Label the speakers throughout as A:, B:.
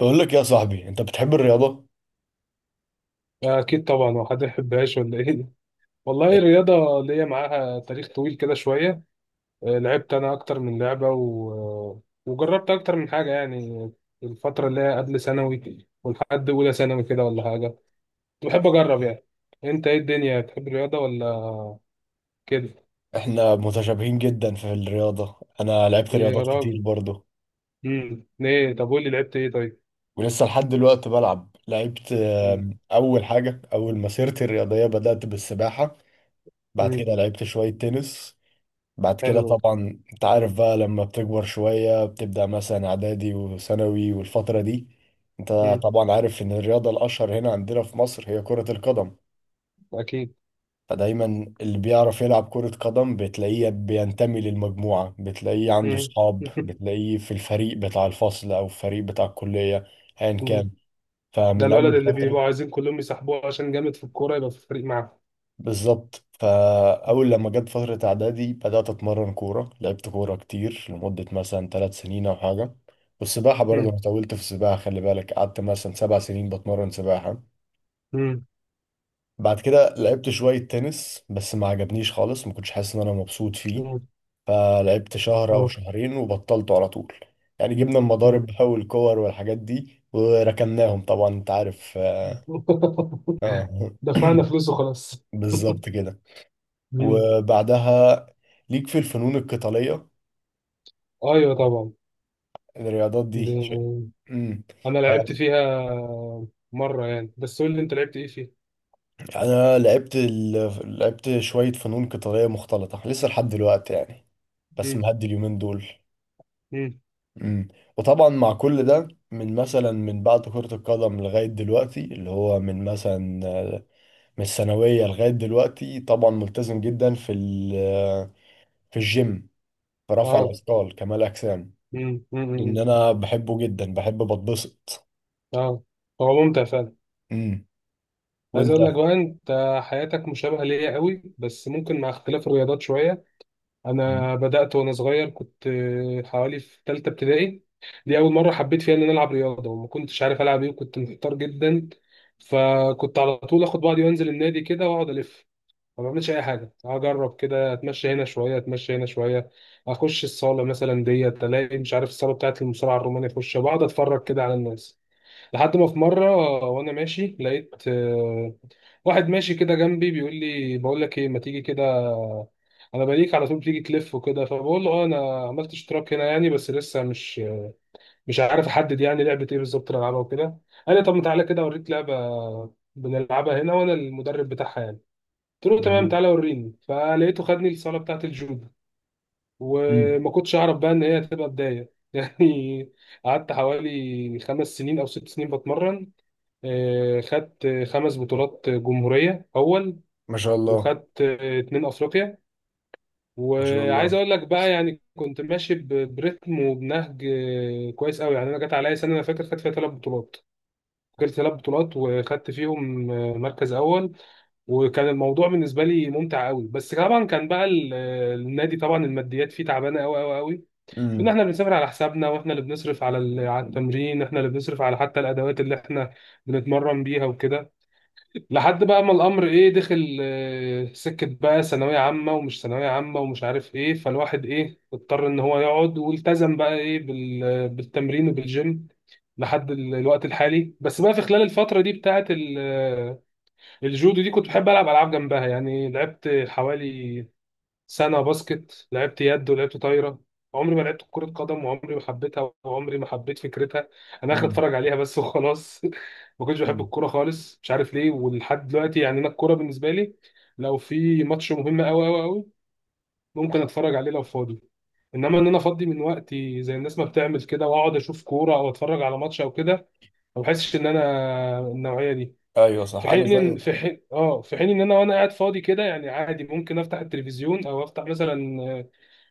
A: بقول لك يا صاحبي، انت بتحب الرياضة؟
B: أكيد طبعا، وحد يحبهاش ولا إيه؟ والله الرياضة ليا معاها تاريخ طويل كده شوية. لعبت أنا أكتر من لعبة وجربت أكتر من حاجة يعني. الفترة اللي هي قبل ثانوي ولحد أولى ثانوي كده ولا حاجة، كنت بحب أجرب يعني. أنت إيه الدنيا، بتحب الرياضة ولا كده؟
A: احنا متشابهين جدا في الرياضة. انا لعبت
B: يا
A: رياضات
B: راجل.
A: كتير برضه
B: إيه؟ طب قول لي لعبت إيه طيب؟
A: ولسه لحد دلوقتي بلعب. لعبت
B: امم.
A: اول حاجة، اول مسيرتي الرياضية بدأت بالسباحة. بعد
B: امم.
A: كده لعبت شوية تنس. بعد كده
B: حلو.
A: طبعا انت عارف بقى، لما بتكبر شوية بتبدأ مثلا اعدادي وثانوي والفترة دي. انت
B: امم.
A: طبعا عارف ان الرياضة الاشهر هنا عندنا في مصر هي كرة القدم.
B: أكيد.
A: فدايما اللي بيعرف يلعب كرة قدم بتلاقيه بينتمي للمجموعة، بتلاقيه عنده
B: امم.
A: صحاب، بتلاقيه في الفريق بتاع الفصل أو الفريق بتاع الكلية، أيا كان.
B: ده
A: فمن
B: الولد
A: أول
B: اللي
A: فترة
B: بيبقوا عايزين كلهم يسحبوه عشان جامد في الكورة يبقى في الفريق
A: بالظبط،
B: معاهم.
A: فأول لما جت فترة إعدادي بدأت أتمرن كورة. لعبت كورة كتير لمدة مثلا 3 سنين أو حاجة. والسباحة برضه أنا طولت في السباحة، خلي بالك قعدت مثلا 7 سنين بتمرن سباحة.
B: مم.
A: بعد كده لعبت شوية تنس بس ما عجبنيش خالص، ما كنتش حاسس إن أنا مبسوط فيه.
B: مم.
A: فلعبت شهر او
B: مم.
A: شهرين وبطلته على طول. يعني جبنا
B: مم.
A: المضارب بقى والكور والحاجات دي وركناهم، طبعا انت عارف، اه.
B: دفعنا فلوس وخلاص.
A: بالظبط كده.
B: مم.
A: وبعدها ليك في الفنون القتالية،
B: ايوه طبعا.
A: الرياضات دي شيء.
B: ب-
A: امم
B: انا لعبت فيها مره يعني، بس قول لي انت لعبت ايه فيها؟
A: انا لعبت لعبت شوية فنون قتالية مختلطة لسه لحد دلوقتي يعني، بس
B: مم.
A: مهدي اليومين دول.
B: مم.
A: امم وطبعا مع كل ده، من مثلا من بعد كرة القدم لغاية دلوقتي، اللي هو من مثلا من الثانوية لغاية دلوقتي، طبعا ملتزم جدا في في الجيم، في رفع
B: اه.
A: الأثقال، كمال أجسام.
B: مم. مم.
A: لأن
B: مم.
A: أنا بحبه جدا، بحب بتبسط.
B: اه. هو ممتع فعلا.
A: امم
B: عايز
A: وأنت؟
B: اقول لك بقى، انت حياتك مشابهه ليا قوي بس ممكن مع اختلاف الرياضات شويه.
A: مم.
B: انا بدات وانا صغير، كنت حوالي في ثالثه ابتدائي. دي اول مره حبيت فيها ان انا العب رياضه، وما كنتش عارف العب ايه، وكنت محتار جدا. فكنت على طول اخد بعضي وانزل النادي كده واقعد الف، ما بعملش اي حاجه، اجرب كده، اتمشى هنا شويه اتمشى هنا شويه. اخش الصاله مثلا ديت الاقي مش عارف الصاله بتاعت المصارعه الرومانيه، اخش بقعد اتفرج كده على الناس. لحد ما في مرة وأنا ماشي لقيت واحد ماشي كده جنبي بيقول لي، بقول لك إيه؟ ما تيجي كده، أنا بليك على طول بتيجي تلف وكده. فبقول له أه أنا عملت اشتراك هنا يعني، بس لسه مش عارف أحدد يعني لعبة إيه بالظبط اللي ألعبها وكده. قال لي طب ما تعالى كده أوريك لعبة بنلعبها هنا وأنا المدرب بتاعها يعني. قلت له تمام
A: جميل.
B: تعالى وريني، فلقيته خدني الصالة بتاعة الجودو.
A: مم.
B: وما كنتش أعرف بقى إن هي هتبقى بداية يعني. قعدت حوالي خمس سنين أو ست سنين بتمرن، خدت خمس بطولات جمهورية أول،
A: ما شاء الله.
B: وخدت اتنين أفريقيا.
A: ما شاء
B: وعايز
A: الله.
B: أقول لك بقى يعني كنت ماشي برتم وبنهج كويس أوي يعني. أنا جت عليا سنة أنا فاكر خدت فيها ثلاث بطولات، فاكر ثلاث بطولات، وخدت فيهم مركز أول. وكان الموضوع بالنسبه لي ممتع قوي، بس طبعا كان بقى النادي، طبعا الماديات فيه تعبانه قوي قوي قوي. ان
A: امم.
B: احنا بنسافر على حسابنا، واحنا اللي بنصرف على على التمرين، احنا اللي بنصرف على حتى الادوات اللي احنا بنتمرن بيها وكده. لحد بقى ما الامر ايه دخل سكه بقى ثانويه عامه ومش ثانويه عامه ومش عارف ايه، فالواحد ايه اضطر ان هو يقعد والتزم بقى ايه بالتمرين وبالجيم لحد الوقت الحالي. بس بقى في خلال الفتره دي بتاعه الجودو دي كنت بحب العب العاب جنبها يعني، لعبت حوالي سنة باسكت، لعبت يد ولعبت طايرة. عمري ما لعبت كرة قدم، وعمري ما حبيتها، وعمري ما حبيت فكرتها. أنا آخر
A: امم.
B: أتفرج عليها بس وخلاص ما كنتش بحب الكورة خالص، مش عارف ليه، ولحد دلوقتي يعني أنا الكورة بالنسبة لي لو في ماتش مهم أوي أوي أوي ممكن أتفرج عليه لو فاضي. إنما إن أنا أفضي من وقتي زي الناس ما بتعمل كده وأقعد أشوف كورة أو أتفرج على ماتش أو كده، ما بحسش إن أنا النوعية دي.
A: أيوه صح،
B: في
A: أنا
B: حين إن-
A: زيك.
B: في حين اه في حين ان انا وانا قاعد فاضي كده يعني عادي ممكن افتح التلفزيون او افتح مثلا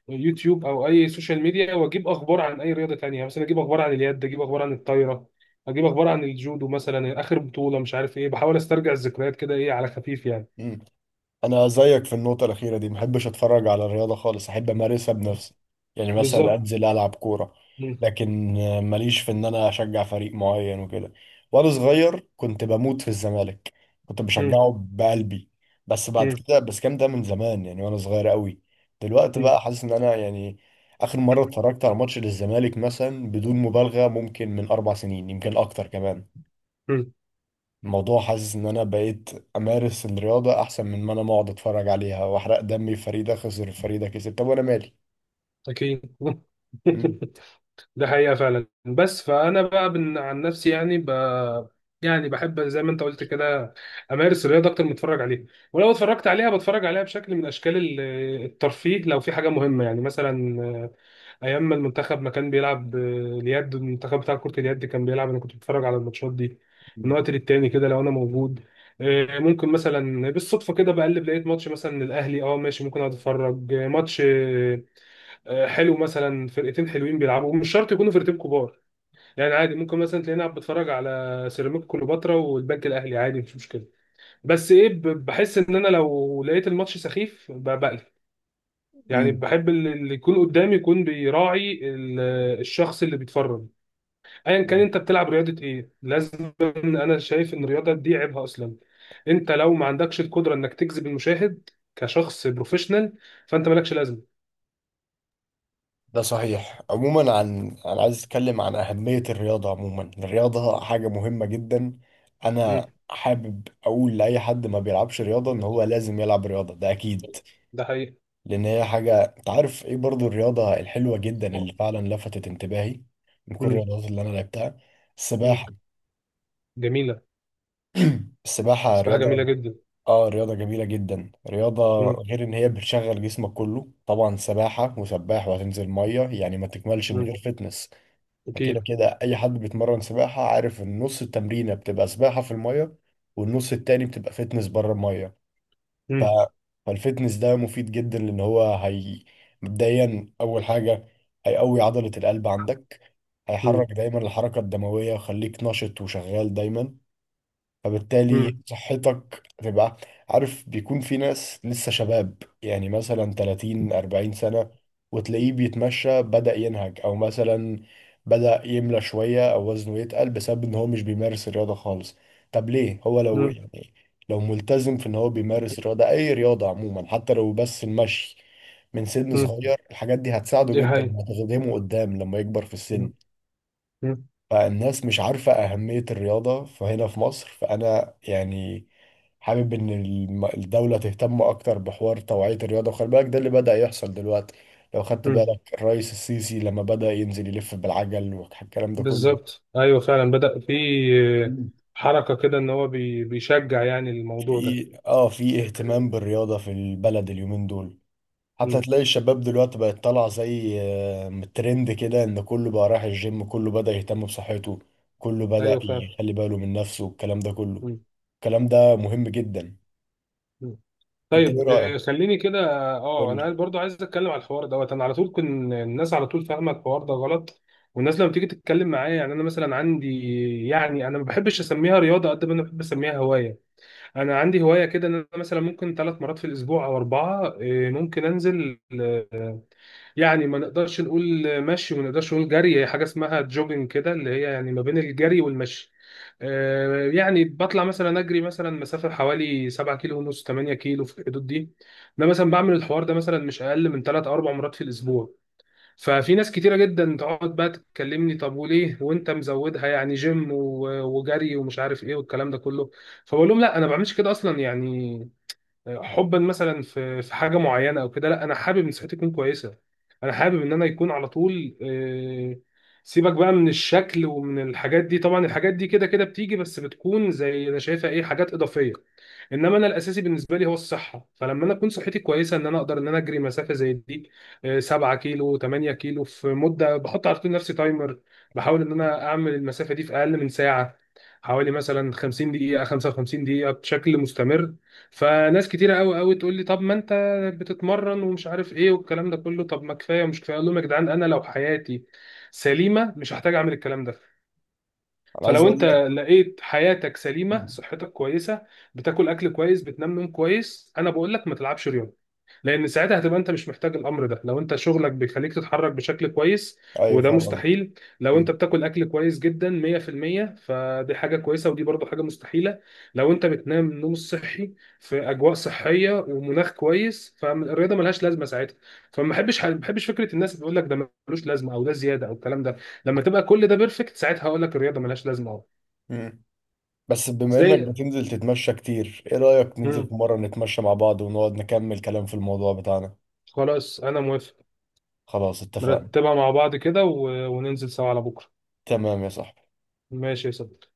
B: يوتيوب او اي سوشيال ميديا واجيب اخبار عن اي رياضه تانية، مثلا اجيب اخبار عن اليد، اجيب اخبار عن الطايره، اجيب اخبار عن الجودو، مثلا اخر بطوله مش عارف ايه، بحاول استرجع الذكريات كده ايه على خفيف يعني.
A: مم. انا زيك في النقطه الاخيره دي، محبش اتفرج على الرياضه خالص، احب امارسها بنفسي. يعني مثلا
B: بالظبط.
A: انزل العب كوره.
B: مم.
A: لكن ماليش في ان انا اشجع فريق معين وكده. وانا صغير كنت بموت في الزمالك، كنت
B: مم.
A: بشجعه بقلبي. بس بعد
B: مم.
A: كده، بس كام ده، من زمان يعني وانا صغير قوي. دلوقتي
B: مم.
A: بقى حاسس ان انا يعني، اخر مره اتفرجت على ماتش للزمالك مثلا، بدون مبالغه ممكن من 4 سنين، يمكن اكتر كمان.
B: مم.
A: الموضوع، حاسس ان انا بقيت امارس الرياضة احسن من ما انا اقعد اتفرج عليها واحرق دمي. فريدة خسر، فريدة كسب، طب وانا مالي؟
B: اكيد
A: مم.
B: ده حقيقه فعلا، بس فانا بقى عن نفسي يعني يعني بحب زي ما انت قلت كده، امارس الرياضه اكتر ما اتفرج عليها. ولو اتفرجت عليها بتفرج عليها بشكل من اشكال الترفيه لو في حاجه مهمه يعني، مثلا ايام ما المنتخب ما كان بيلعب اليد، المنتخب بتاع كرة اليد كان بيلعب انا كنت بتفرج على الماتشات دي من
A: مم.
B: وقت للتاني كده لو انا موجود. ممكن مثلا بالصدفة كده بقلب لقيت ماتش مثلا الاهلي اه ماشي، ممكن اقعد اتفرج ماتش حلو، مثلا فرقتين حلوين بيلعبوا مش شرط يكونوا فرقتين كبار يعني، عادي ممكن مثلا تلاقيني قاعد بتفرج على سيراميكا كليوباترا والبنك الاهلي عادي مش مشكلة. بس ايه بحس ان انا لو لقيت الماتش سخيف بقلب، يعني
A: مم.
B: بحب اللي يكون قدامي يكون بيراعي الشخص اللي بيتفرج، ايا كان انت بتلعب رياضه ايه لازم. انا شايف ان الرياضه دي عيبها اصلا انت لو ما عندكش القدره انك تجذب المشاهد كشخص بروفيشنال فانت مالكش لازمه.
A: ده صحيح. عموما، عن انا عايز اتكلم عن اهمية الرياضة عموما. الرياضة حاجة مهمة جدا. انا
B: مم.
A: حابب اقول لاي حد ما بيلعبش رياضة ان هو لازم يلعب رياضة، ده اكيد.
B: ده حقيقي.
A: لان هي حاجة، انت عارف ايه برضو الرياضة الحلوة جدا اللي فعلا لفتت انتباهي من كل
B: مم.
A: الرياضات اللي انا لعبتها؟
B: مم.
A: السباحة.
B: جميله.
A: السباحة
B: سباحه
A: رياضة.
B: جميله جدا.
A: اه، رياضة جميلة جدا، رياضة
B: مم.
A: غير ان هي بتشغل جسمك كله. طبعا سباحة وسباح وهتنزل مية، يعني ما تكملش من
B: مم.
A: غير فتنس. فكده
B: اكيد.
A: كده اي حد بيتمرن سباحة عارف ان نص التمرينة بتبقى سباحة في المية والنص التاني بتبقى فتنس بره المية. ف...
B: مم.
A: فالفتنس ده مفيد جدا، لان هو هي مبدئيا اول حاجة هيقوي عضلة القلب عندك،
B: مم.
A: هيحرك دايما الحركة الدموية وخليك نشط وشغال دايما، فبالتالي
B: مم.
A: صحتك تبقى، عارف، بيكون في ناس لسه شباب يعني مثلا 30 40 سنة وتلاقيه بيتمشى بدأ ينهج، او مثلا بدأ يملى شوية او وزنه يتقل بسبب ان هو مش بيمارس الرياضة خالص. طب ليه؟ هو لو
B: مم.
A: يعني لو ملتزم في ان هو بيمارس رياضة، اي رياضة عموما، حتى لو بس المشي من سن
B: مم.
A: صغير، الحاجات دي هتساعده
B: دي
A: جدا
B: حقيقه.
A: وهتخدمه قدام لما يكبر في السن.
B: مم.
A: فالناس مش عارفة أهمية الرياضة فهنا في مصر، فأنا يعني حابب إن الدولة تهتم أكتر بحوار توعية الرياضة. وخلي بالك ده اللي بدأ يحصل دلوقتي، لو خدت
B: مم.
A: بالك الرئيس السيسي لما بدأ ينزل يلف بالعجل والكلام ده كله.
B: بالظبط ايوه فعلا بدأ في
A: مم.
B: حركه كده ان هو بيشجع يعني الموضوع ده.
A: في في اهتمام بالرياضة في البلد اليومين دول، حتى
B: مم.
A: تلاقي الشباب دلوقتي بقت طالعة زي ترند كده، ان كله بقى رايح الجيم، كله بدأ يهتم بصحته، كله بدأ
B: ايوه فعلا.
A: يخلي باله من نفسه والكلام ده كله.
B: مم.
A: الكلام ده مهم جدا.
B: مم.
A: انت ايه
B: طيب
A: رأيك؟
B: خليني كده.
A: قول
B: اه، انا
A: لي.
B: برضو عايز اتكلم على الحوار دوت، انا على طول كن الناس على طول فاهمه الحوار ده غلط. والناس لما تيجي تتكلم معايا، يعني انا مثلا عندي، يعني انا ما بحبش اسميها رياضه قد ما انا بحب اسميها هوايه. انا عندي هوايه كده، ان انا مثلا ممكن ثلاث مرات في الاسبوع او اربعه، ممكن انزل يعني، ما نقدرش نقول مشي وما نقدرش نقول جري، هي حاجه اسمها جوجنج كده اللي هي يعني ما بين الجري والمشي. يعني بطلع مثلا اجري مثلا مسافه حوالي 7 كيلو ونص 8 كيلو في الحدود دي. انا مثلا بعمل الحوار ده مثلا مش اقل من 3 او 4 مرات في الاسبوع، ففي ناس كتيره جدا تقعد بقى تكلمني، طب وليه وانت مزودها يعني جيم وجري ومش عارف ايه والكلام ده كله. فبقول لهم لا انا ما بعملش كده اصلا يعني حبا مثلا في حاجه معينه او كده، لا انا حابب ان صحتي تكون كويسه. انا حابب ان انا يكون على طول، سيبك بقى من الشكل ومن الحاجات دي، طبعا الحاجات دي كده كده بتيجي بس بتكون زي انا شايفها ايه حاجات اضافيه، انما انا الاساسي بالنسبه لي هو الصحه. فلما انا اكون صحتي كويسه ان انا اقدر ان انا اجري مسافه زي دي، 7 كيلو 8 كيلو في مده بحط على طول نفسي تايمر، بحاول ان انا اعمل المسافه دي في اقل من ساعه، حوالي مثلا 50 دقيقه 55 دقيقه بشكل مستمر. فناس كتيره قوي قوي تقول لي، طب ما انت بتتمرن ومش عارف ايه والكلام ده كله، طب ما كفايه ومش كفايه، اقول لهم يا جدعان انا لو حياتي سليمه مش هحتاج اعمل الكلام ده.
A: انا عايز
B: فلو انت
A: اقول لك.
B: لقيت حياتك سليمه،
A: مم.
B: صحتك كويسه، بتاكل اكل كويس، بتنام نوم كويس، انا بقول لك ما تلعبش رياضه، لان ساعتها هتبقى انت مش محتاج الامر ده لو انت شغلك بيخليك تتحرك بشكل كويس،
A: ايوه
B: وده
A: فاهم قصدك.
B: مستحيل. لو انت
A: مم.
B: بتاكل اكل كويس جدا 100% فدي حاجه كويسه ودي برضو حاجه مستحيله، لو انت بتنام نوم صحي في اجواء صحيه ومناخ كويس، فالرياضه ملهاش لازمه ساعتها. فما بحبش ما بحبش فكره الناس اللي بتقول لك ده ملوش لازمه او ده زياده او الكلام ده، لما تبقى كل ده بيرفكت ساعتها هقول لك الرياضه ملهاش لازمه اهو.
A: مم. بس بما انك
B: زي.
A: بتنزل تتمشى كتير، ايه رأيك ننزل
B: مم.
A: في مرة نتمشى مع بعض ونقعد نكمل كلام في الموضوع بتاعنا؟
B: خلاص انا موافق.
A: خلاص اتفقنا.
B: نرتبها مع بعض كده وننزل سوا على بكره.
A: تمام يا صاحبي.
B: ماشي يا صديقي.